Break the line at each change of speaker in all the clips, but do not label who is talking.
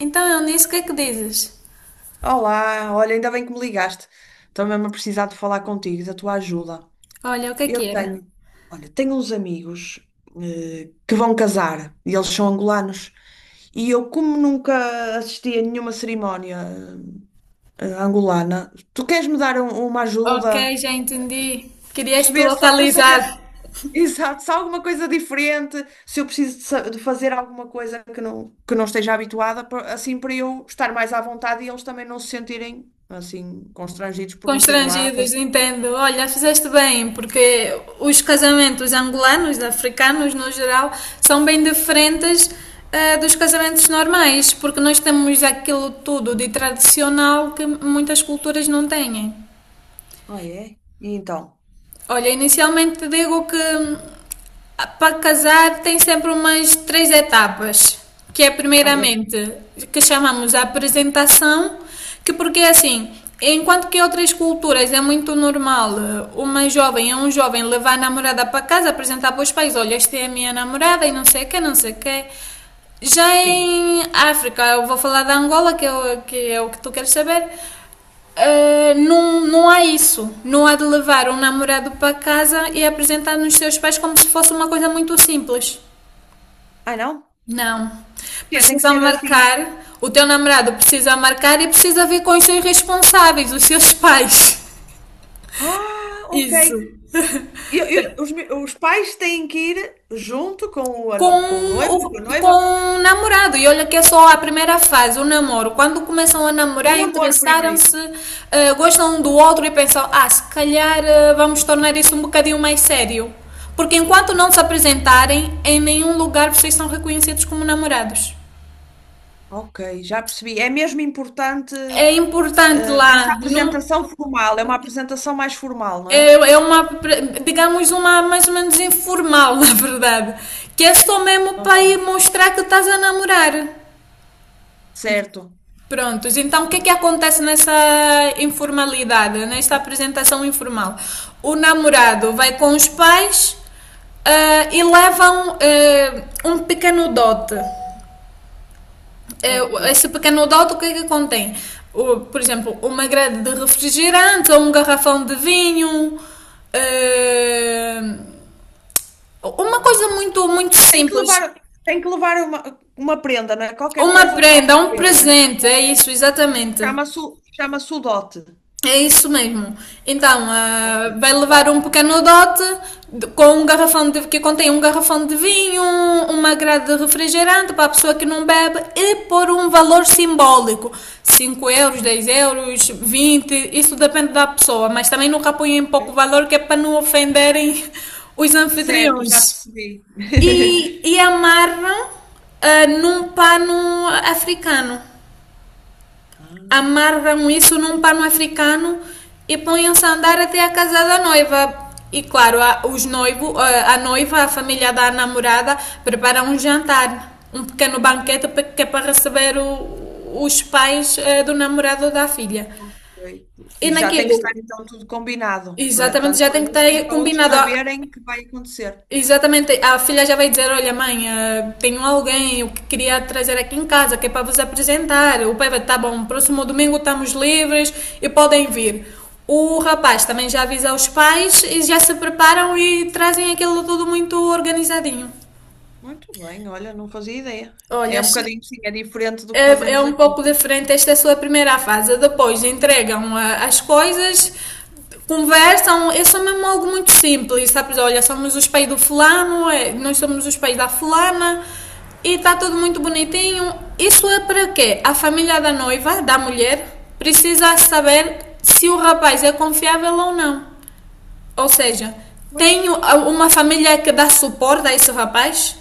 Então, Eunice, o que é que dizes?
Olá, olha, ainda bem que me ligaste. Estou mesmo a precisar de falar contigo, da tua ajuda.
Olha, o que é que
Eu
era?
tenho, olha, tenho uns amigos que vão casar e eles são angolanos. E eu, como nunca assisti a nenhuma cerimónia angolana, tu queres me dar uma
Ok,
ajuda?
já entendi. Querias-te
Perceber, só para eu saber.
localizar.
Exato, se há alguma coisa diferente, se eu preciso de, de fazer alguma coisa que não esteja habituada, assim para eu estar mais à vontade e eles também não se sentirem assim constrangidos por me ter lá a
Constrangidos,
fazer.
entendo. Olha, fizeste bem, porque os casamentos angolanos, africanos no geral, são bem diferentes dos casamentos normais, porque nós temos aquilo tudo de tradicional que muitas culturas não têm.
Ah, é? E então?
Olha, inicialmente digo que para casar tem sempre umas três etapas, que é
Ah, é?
primeiramente que chamamos a apresentação, que porque é assim, enquanto que em outras culturas é muito normal uma jovem ou um jovem levar a namorada para casa, apresentar para os pais, olha, esta é a minha namorada e não sei o que, não sei o que. Já
Sim.
em África, eu vou falar da Angola, que é o que, é o que tu queres saber. Não, não há isso. Não há de levar um namorado para casa e apresentar nos seus pais como se fosse uma coisa muito simples.
Ah, não?
Não.
Que tem que
Precisa
ser assim.
marcar, o teu namorado precisa marcar e precisa vir com os seus responsáveis, os seus pais.
Ah, ok.
Isso. Tem,
Os, os pais têm que ir junto com o, com o
com
noivo, com a
o, com
noiva,
o namorado. E olha que é só a primeira fase, o namoro. Quando começam a
o
namorar,
namoro primeiro.
interessaram-se, gostam um do outro e pensam: ah, se calhar vamos tornar isso um bocadinho mais sério. Porque enquanto não se apresentarem, em nenhum lugar vocês são reconhecidos como namorados.
Ok, já percebi. É mesmo importante.
É importante
Ah, essa
lá, não,
apresentação formal é uma apresentação mais formal, não
é,
é?
é uma, digamos, uma mais ou menos informal, na verdade. Que é só mesmo para
Ok.
ir mostrar que estás a namorar.
Certo.
Prontos, então o que é que acontece nessa informalidade, nesta apresentação informal? O namorado vai com os pais e levam um pequeno dote.
Ok.
Esse pequeno dote o que é que contém? Por exemplo, uma grade de refrigerante ou um garrafão de vinho, ah, uma coisa
Ah,
muito, muito
tem que
simples.
levar, tem que levar uma prenda, não é? Qualquer
Uma
coisa para
prenda, um
oferecer, não é?
presente, é isso, exatamente.
Chama-se chama-se o dote.
É isso mesmo. Então,
Ok.
vai levar um pequeno dote com um garrafão de, que contém um garrafão de vinho, uma grade de refrigerante para a pessoa que não bebe e por um valor simbólico. Cinco euros, 10 euros, 20, isso depende da pessoa, mas também nunca ponham pouco
Ok.
valor que é para não ofenderem os
Certo, já
anfitriões.
percebi.
E amarram num pano africano
Ah,
amarram isso num pano africano e põem-se a andar até a casa da noiva. E claro, os noivo, a noiva, a família da namorada prepara um jantar, um pequeno banquete que é para receber os pais do namorado ou da filha.
ok.
E
E já tem que
naquilo,
estar então tudo combinado, para,
exatamente,
tanto
já
para
tem que
uns como
ter
para outros
combinado.
saberem o que vai acontecer.
Exatamente, a filha já vai dizer: Olha, mãe, tenho alguém eu que queria trazer aqui em casa que é para vos apresentar. O pai vai: Tá bom, próximo domingo estamos livres e podem vir. O rapaz também já avisa os pais e já se preparam e trazem aquilo tudo muito organizadinho.
Muito bem, olha, não fazia ideia.
Olha,
É um
acho que
bocadinho, sim, é diferente do que
é
fazemos
um
aqui.
pouco diferente. Esta é a sua primeira fase. Depois entregam as coisas, conversam. É só mesmo algo muito simples, sabes? Olha, somos os pais do fulano, é, nós somos os pais da fulana. E está tudo muito bonitinho. Isso é para quê? A família da noiva, da mulher, precisa saber se o rapaz é confiável ou não. Ou seja,
Pois.
tenho uma família que dá suporte a esse rapaz?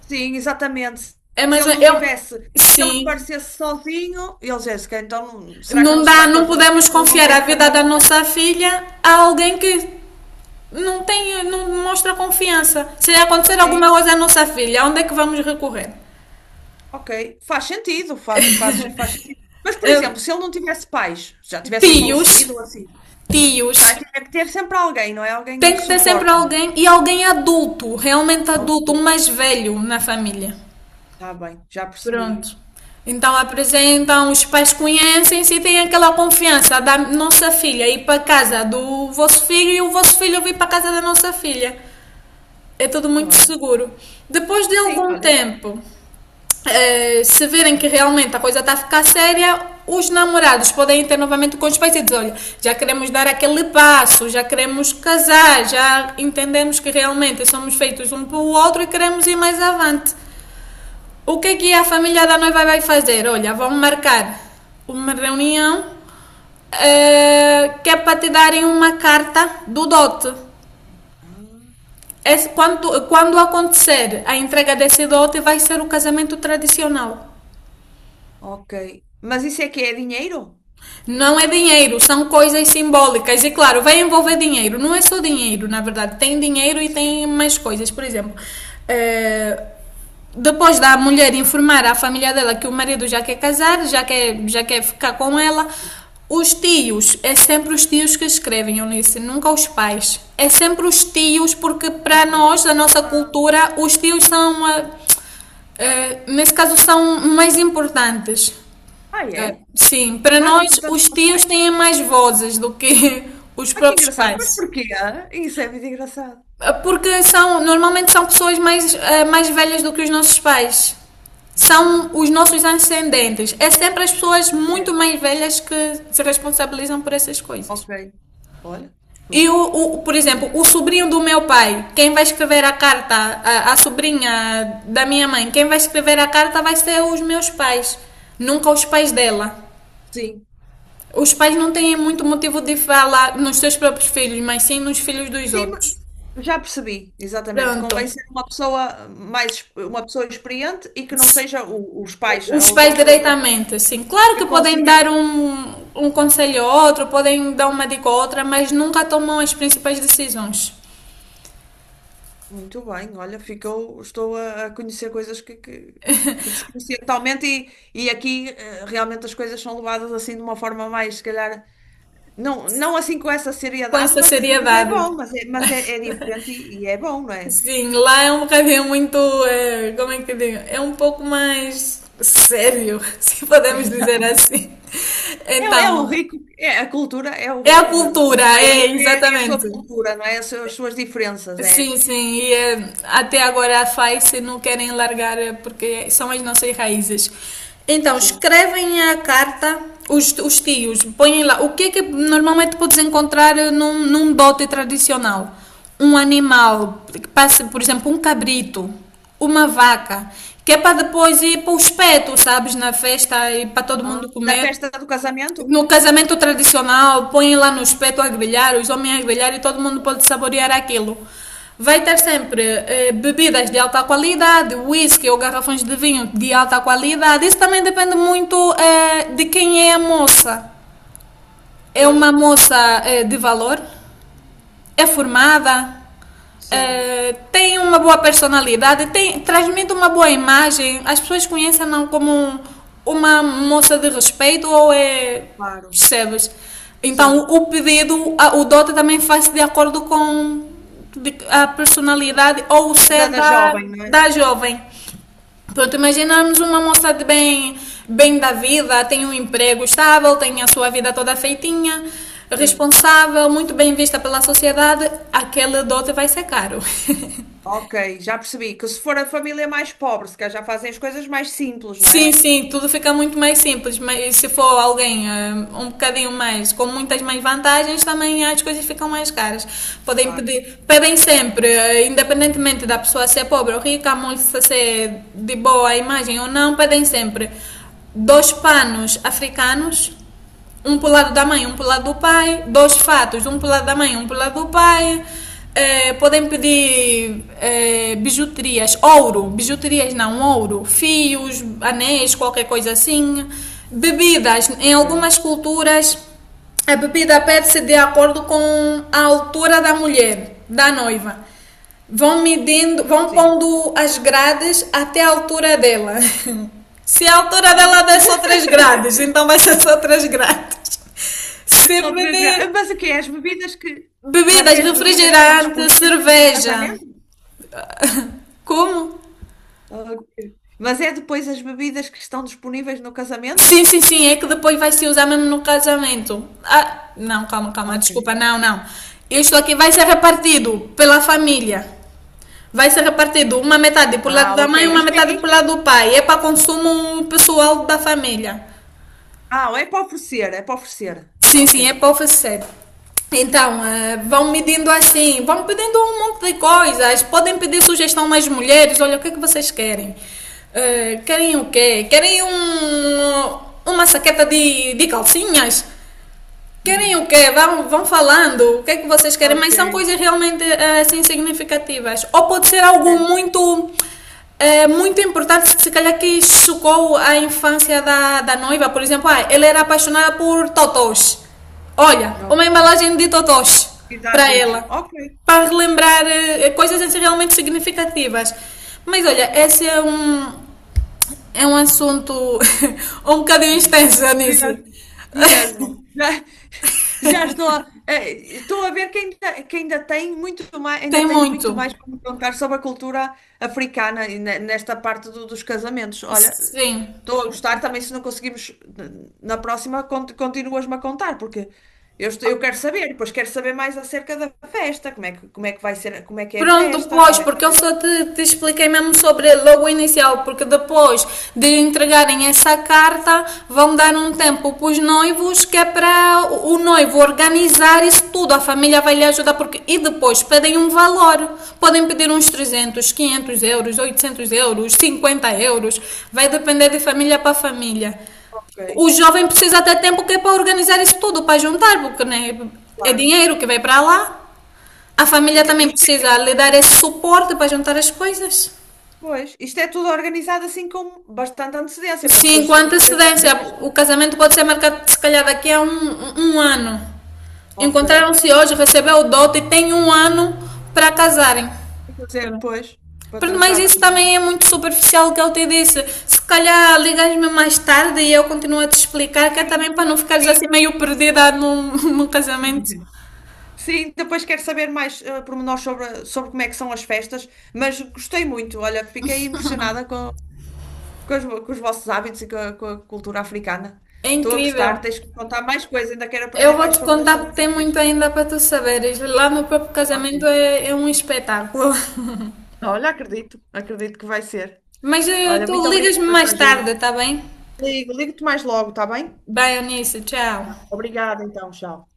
Sim, exatamente.
É
Se
mais ou
ele
menos.
não
Eu,
tivesse, se ele
sim.
aparecesse sozinho, ele Jéssica, então será que
Não
não se
dá,
dá com a
não podemos
família? Ou não
confiar a
tem
vida da
família?
nossa filha a alguém que não tem, não mostra confiança. Se acontecer alguma
Sim,
coisa à nossa filha, onde é que vamos recorrer?
ok. Faz sentido, faz sentido. Mas, por
Eh,
exemplo, se ele não tivesse pais, já tivessem
Tios,
falecido ou assim, tá,
tios.
tinha que ter sempre alguém, não é? Alguém
Tem
de
que ter sempre
suporte.
alguém e alguém adulto, realmente
Ok,
adulto, um mais velho na família.
tá bem, já percebi.
Pronto. Então apresentam, os pais conhecem-se e têm aquela confiança da nossa filha ir para casa do vosso filho e o vosso filho vir para casa da nossa filha. É tudo muito
Olha,
seguro. Depois de
sim,
algum
olha.
tempo, se verem que realmente a coisa está a ficar séria, os namorados podem ter novamente com os pais e dizer: olha, já queremos dar aquele passo, já queremos casar, já entendemos que realmente somos feitos um para o outro e queremos ir mais avante. O que é que a família da noiva vai fazer? Olha, vão marcar uma reunião que é para te darem uma carta do dote.
Ah,
Quando acontecer a entrega desse dote, vai ser o casamento tradicional.
ok. Mas isso é que é dinheiro?
Não é dinheiro, são coisas simbólicas. E claro, vai envolver dinheiro. Não é só dinheiro, na verdade. Tem dinheiro e tem
Sim,
mais coisas. Por exemplo, eh, depois da mulher informar à família dela que o marido já quer casar, já quer ficar com ela, os tios, é sempre os tios que escrevem, Eunice, nunca os pais. É sempre os tios, porque para
ok.
nós, da nossa
Ah,
cultura, os tios são. Nesse caso são mais importantes.
ah
Eh,
é?
sim, para
Mais
nós
importante que
os
os
tios
pais?
têm mais vozes do que os
Ah, que
próprios
engraçado. Mas
pais.
porquê? Ah? Isso é muito engraçado.
Porque são, normalmente são pessoas mais velhas do que os nossos pais. São
Ah,
os
ok.
nossos ascendentes. É sempre as pessoas muito
Certo.
mais velhas que se responsabilizam por essas coisas.
Ok. Olha,
E,
pronto.
o, o- por exemplo,
Bem,
o sobrinho do meu pai, quem vai escrever a carta, a sobrinha da minha mãe, quem vai escrever a carta vai ser os meus pais, nunca os pais dela.
sim.
Os pais não têm muito motivo de falar nos seus próprios filhos, mas sim nos filhos dos
Sim,
outros.
mas- já percebi, exatamente.
Pronto.
Convém ser uma pessoa mais, uma pessoa experiente e que não seja os pais, a
Os
outra
pais
pessoa
diretamente, assim. Claro
que
que podem
consiga.
dar um conselho a outro, podem dar uma dica a outra, mas nunca tomam as principais decisões.
Muito bem, olha, ficou, estou a conhecer coisas que desconhecia totalmente e aqui realmente as coisas são levadas assim de uma forma mais, se calhar. Não, não assim com essa
Com
seriedade,
essa
mas é,
seriedade.
bom, é diferente e é bom, não é?
Sim, lá é um bocadinho muito. Como é que eu digo? É um pouco mais sério, se podemos dizer assim.
É,
Então,
é o rico, é a cultura, é o
é a
rico do
cultura, é
país, é, é a sua
exatamente.
cultura, não é? As suas diferenças, é,
Sim, sim, e até agora a FAICE não querem largar porque são as nossas raízes. Então,
sim.
escrevem a carta, os tios, põem lá. O que é que normalmente podes encontrar num dote tradicional? Um animal, que passe, por exemplo, um cabrito, uma vaca, que é para depois ir para os petos, sabes, na festa e para todo
Ah,
mundo
na
comer.
festa do casamento?
No casamento tradicional, põem lá no espeto a grelhar, os homens a grelhar e todo mundo pode saborear aquilo. Vai ter sempre bebidas de alta qualidade, whisky ou garrafões de vinho de alta qualidade. Isso também depende muito de quem é a moça. É
Pois,
uma moça de valor? É formada,
sim,
tem uma boa personalidade, tem, transmite uma boa imagem, as pessoas conhecem-na como uma moça de respeito ou é.
claro,
Percebes? Então
sim.
o pedido, o dote também faz de acordo com a personalidade ou o
Da,
ser
da
da,
jovem, não é?
da jovem. Pronto, imaginamos uma moça de bem, bem da vida, tem um emprego estável, tem a sua vida toda feitinha,
Sim.
responsável, muito bem vista pela sociedade, aquele dote vai ser caro.
Ok, já percebi que se for a família mais pobre, se calhar já fazem as coisas mais simples, não
Sim,
é?
sim, tudo fica muito mais simples, mas se for alguém um bocadinho mais, com muitas mais vantagens, também as coisas ficam mais caras. Podem
Claro.
pedir, pedem sempre, independentemente da pessoa ser pobre ou rica, a moça ser de boa imagem ou não, pedem sempre dois panos africanos um pro lado da mãe, um pro lado do pai. Dois fatos, um pro lado da mãe, um pro lado do pai. Podem pedir bijuterias, ouro, bijuterias não, ouro, fios, anéis, qualquer coisa assim. Bebidas, em
Ok.
algumas culturas, a bebida pede-se de acordo com a altura da mulher, da noiva. Vão medindo, vão
Sim.
pondo as grades até a altura dela. Se a altura dela der só
Ah.
3 grades, então vai ser só 3 grades. Se
Só três garrafas.
beber
Mas o quê? As bebidas que. Mas é
bebidas,
as bebidas que estão
refrigerante,
disponíveis depois no
cerveja.
casamento?
Como?
Ok. Mas é depois as bebidas que estão disponíveis no
Sim,
casamento?
sim, sim, é que depois vai se usar mesmo no casamento. Ah, não, calma, calma,
Ok.
desculpa, não, não. Isto aqui vai ser repartido pela família. Vai ser repartido uma metade pro lado
Ah,
da
ok.
mãe e uma metade pro lado do pai. É para consumo pessoal da família.
Ah, é para oferecer, é para oferecer.
Sim,
Ok.
sim, é para oferecer. Então, vão me pedindo assim, vão pedindo um monte de coisas, podem pedir sugestão nas mulheres, olha, o que é que vocês querem? Querem o quê? Querem um, uma saqueta de, calcinhas? Querem
Uhum.
o quê? Vão falando o que é que vocês querem,
Ok.
mas são coisas realmente assim significativas. Ou pode ser algo
Certo.
muito muito importante, se calhar que chocou a infância da, noiva. Por exemplo, ah, ela era apaixonada por totós. Olha, uma
Ok.
embalagem de totós
E dás
para
isso.
ela.
Ok.
Para relembrar coisas assim realmente significativas. Mas olha, esse é um, assunto um bocadinho
Sim.
extenso, Anice.
Mesmo. Mesmo. Já estou a, estou a ver que ainda tem muito mais, ainda
Tem
tens muito mais
muito.
para me contar sobre a cultura africana e nesta parte dos casamentos. Olha,
Sim.
estou a gostar também se não conseguimos na próxima continuas-me a contar, porque eu, eu quero saber, depois quero saber mais acerca da festa, como é que vai ser, como é que é a
Pronto,
festa,
pois,
como é
porque eu
que,
só te expliquei mesmo sobre logo inicial, porque depois de entregarem essa carta, vão dar um tempo para os noivos, que é para o noivo organizar isso tudo, a família vai lhe ajudar, porque e depois pedem um valor, podem pedir uns 300 500 euros, 800 euros, 50 euros, vai depender de família para família.
ok,
O jovem precisa ter tempo que é para organizar isso tudo, para juntar, porque né, é
claro.
dinheiro que vai para lá. A
E
família também
isto é,
precisa lhe dar esse suporte para juntar as coisas.
pois, isto é tudo organizado assim com bastante antecedência para
Sim,
depois
com
se poder
antecedência.
fazer isto.
O casamento pode ser marcado, se calhar, daqui a um, ano.
Ok.
Encontraram-se hoje, recebeu o dote e tem um ano para casarem.
Fazer, pois, para
Mas
tratar de
isso também
tudo.
é muito superficial o que eu te disse. Se calhar ligas-me mais tarde e eu continuo a te explicar, que é também
Sim,
para não ficares assim
sim,
meio perdida num, num casamento.
sim. Depois quero saber mais pormenores sobre, sobre como é que são as festas, mas gostei muito. Olha, fiquei impressionada com os vossos hábitos e com a cultura africana.
É
Estou a
incrível.
gostar, tens que me contar mais coisas, ainda quero
Eu
aprender
vou
mais
te
sobre,
contar
sobre
porque tem muito
vocês.
ainda para tu saberes. Lá no próprio
Ok.
casamento é um espetáculo.
Olha, acredito, acredito que vai ser.
Mas
Olha,
tu
muito obrigada
ligas-me
por esta
mais
ajuda.
tarde, tá bem?
Ligo, ligo-te mais logo, está bem?
Bye, Eunice. Tchau.
Obrigada, então, tchau.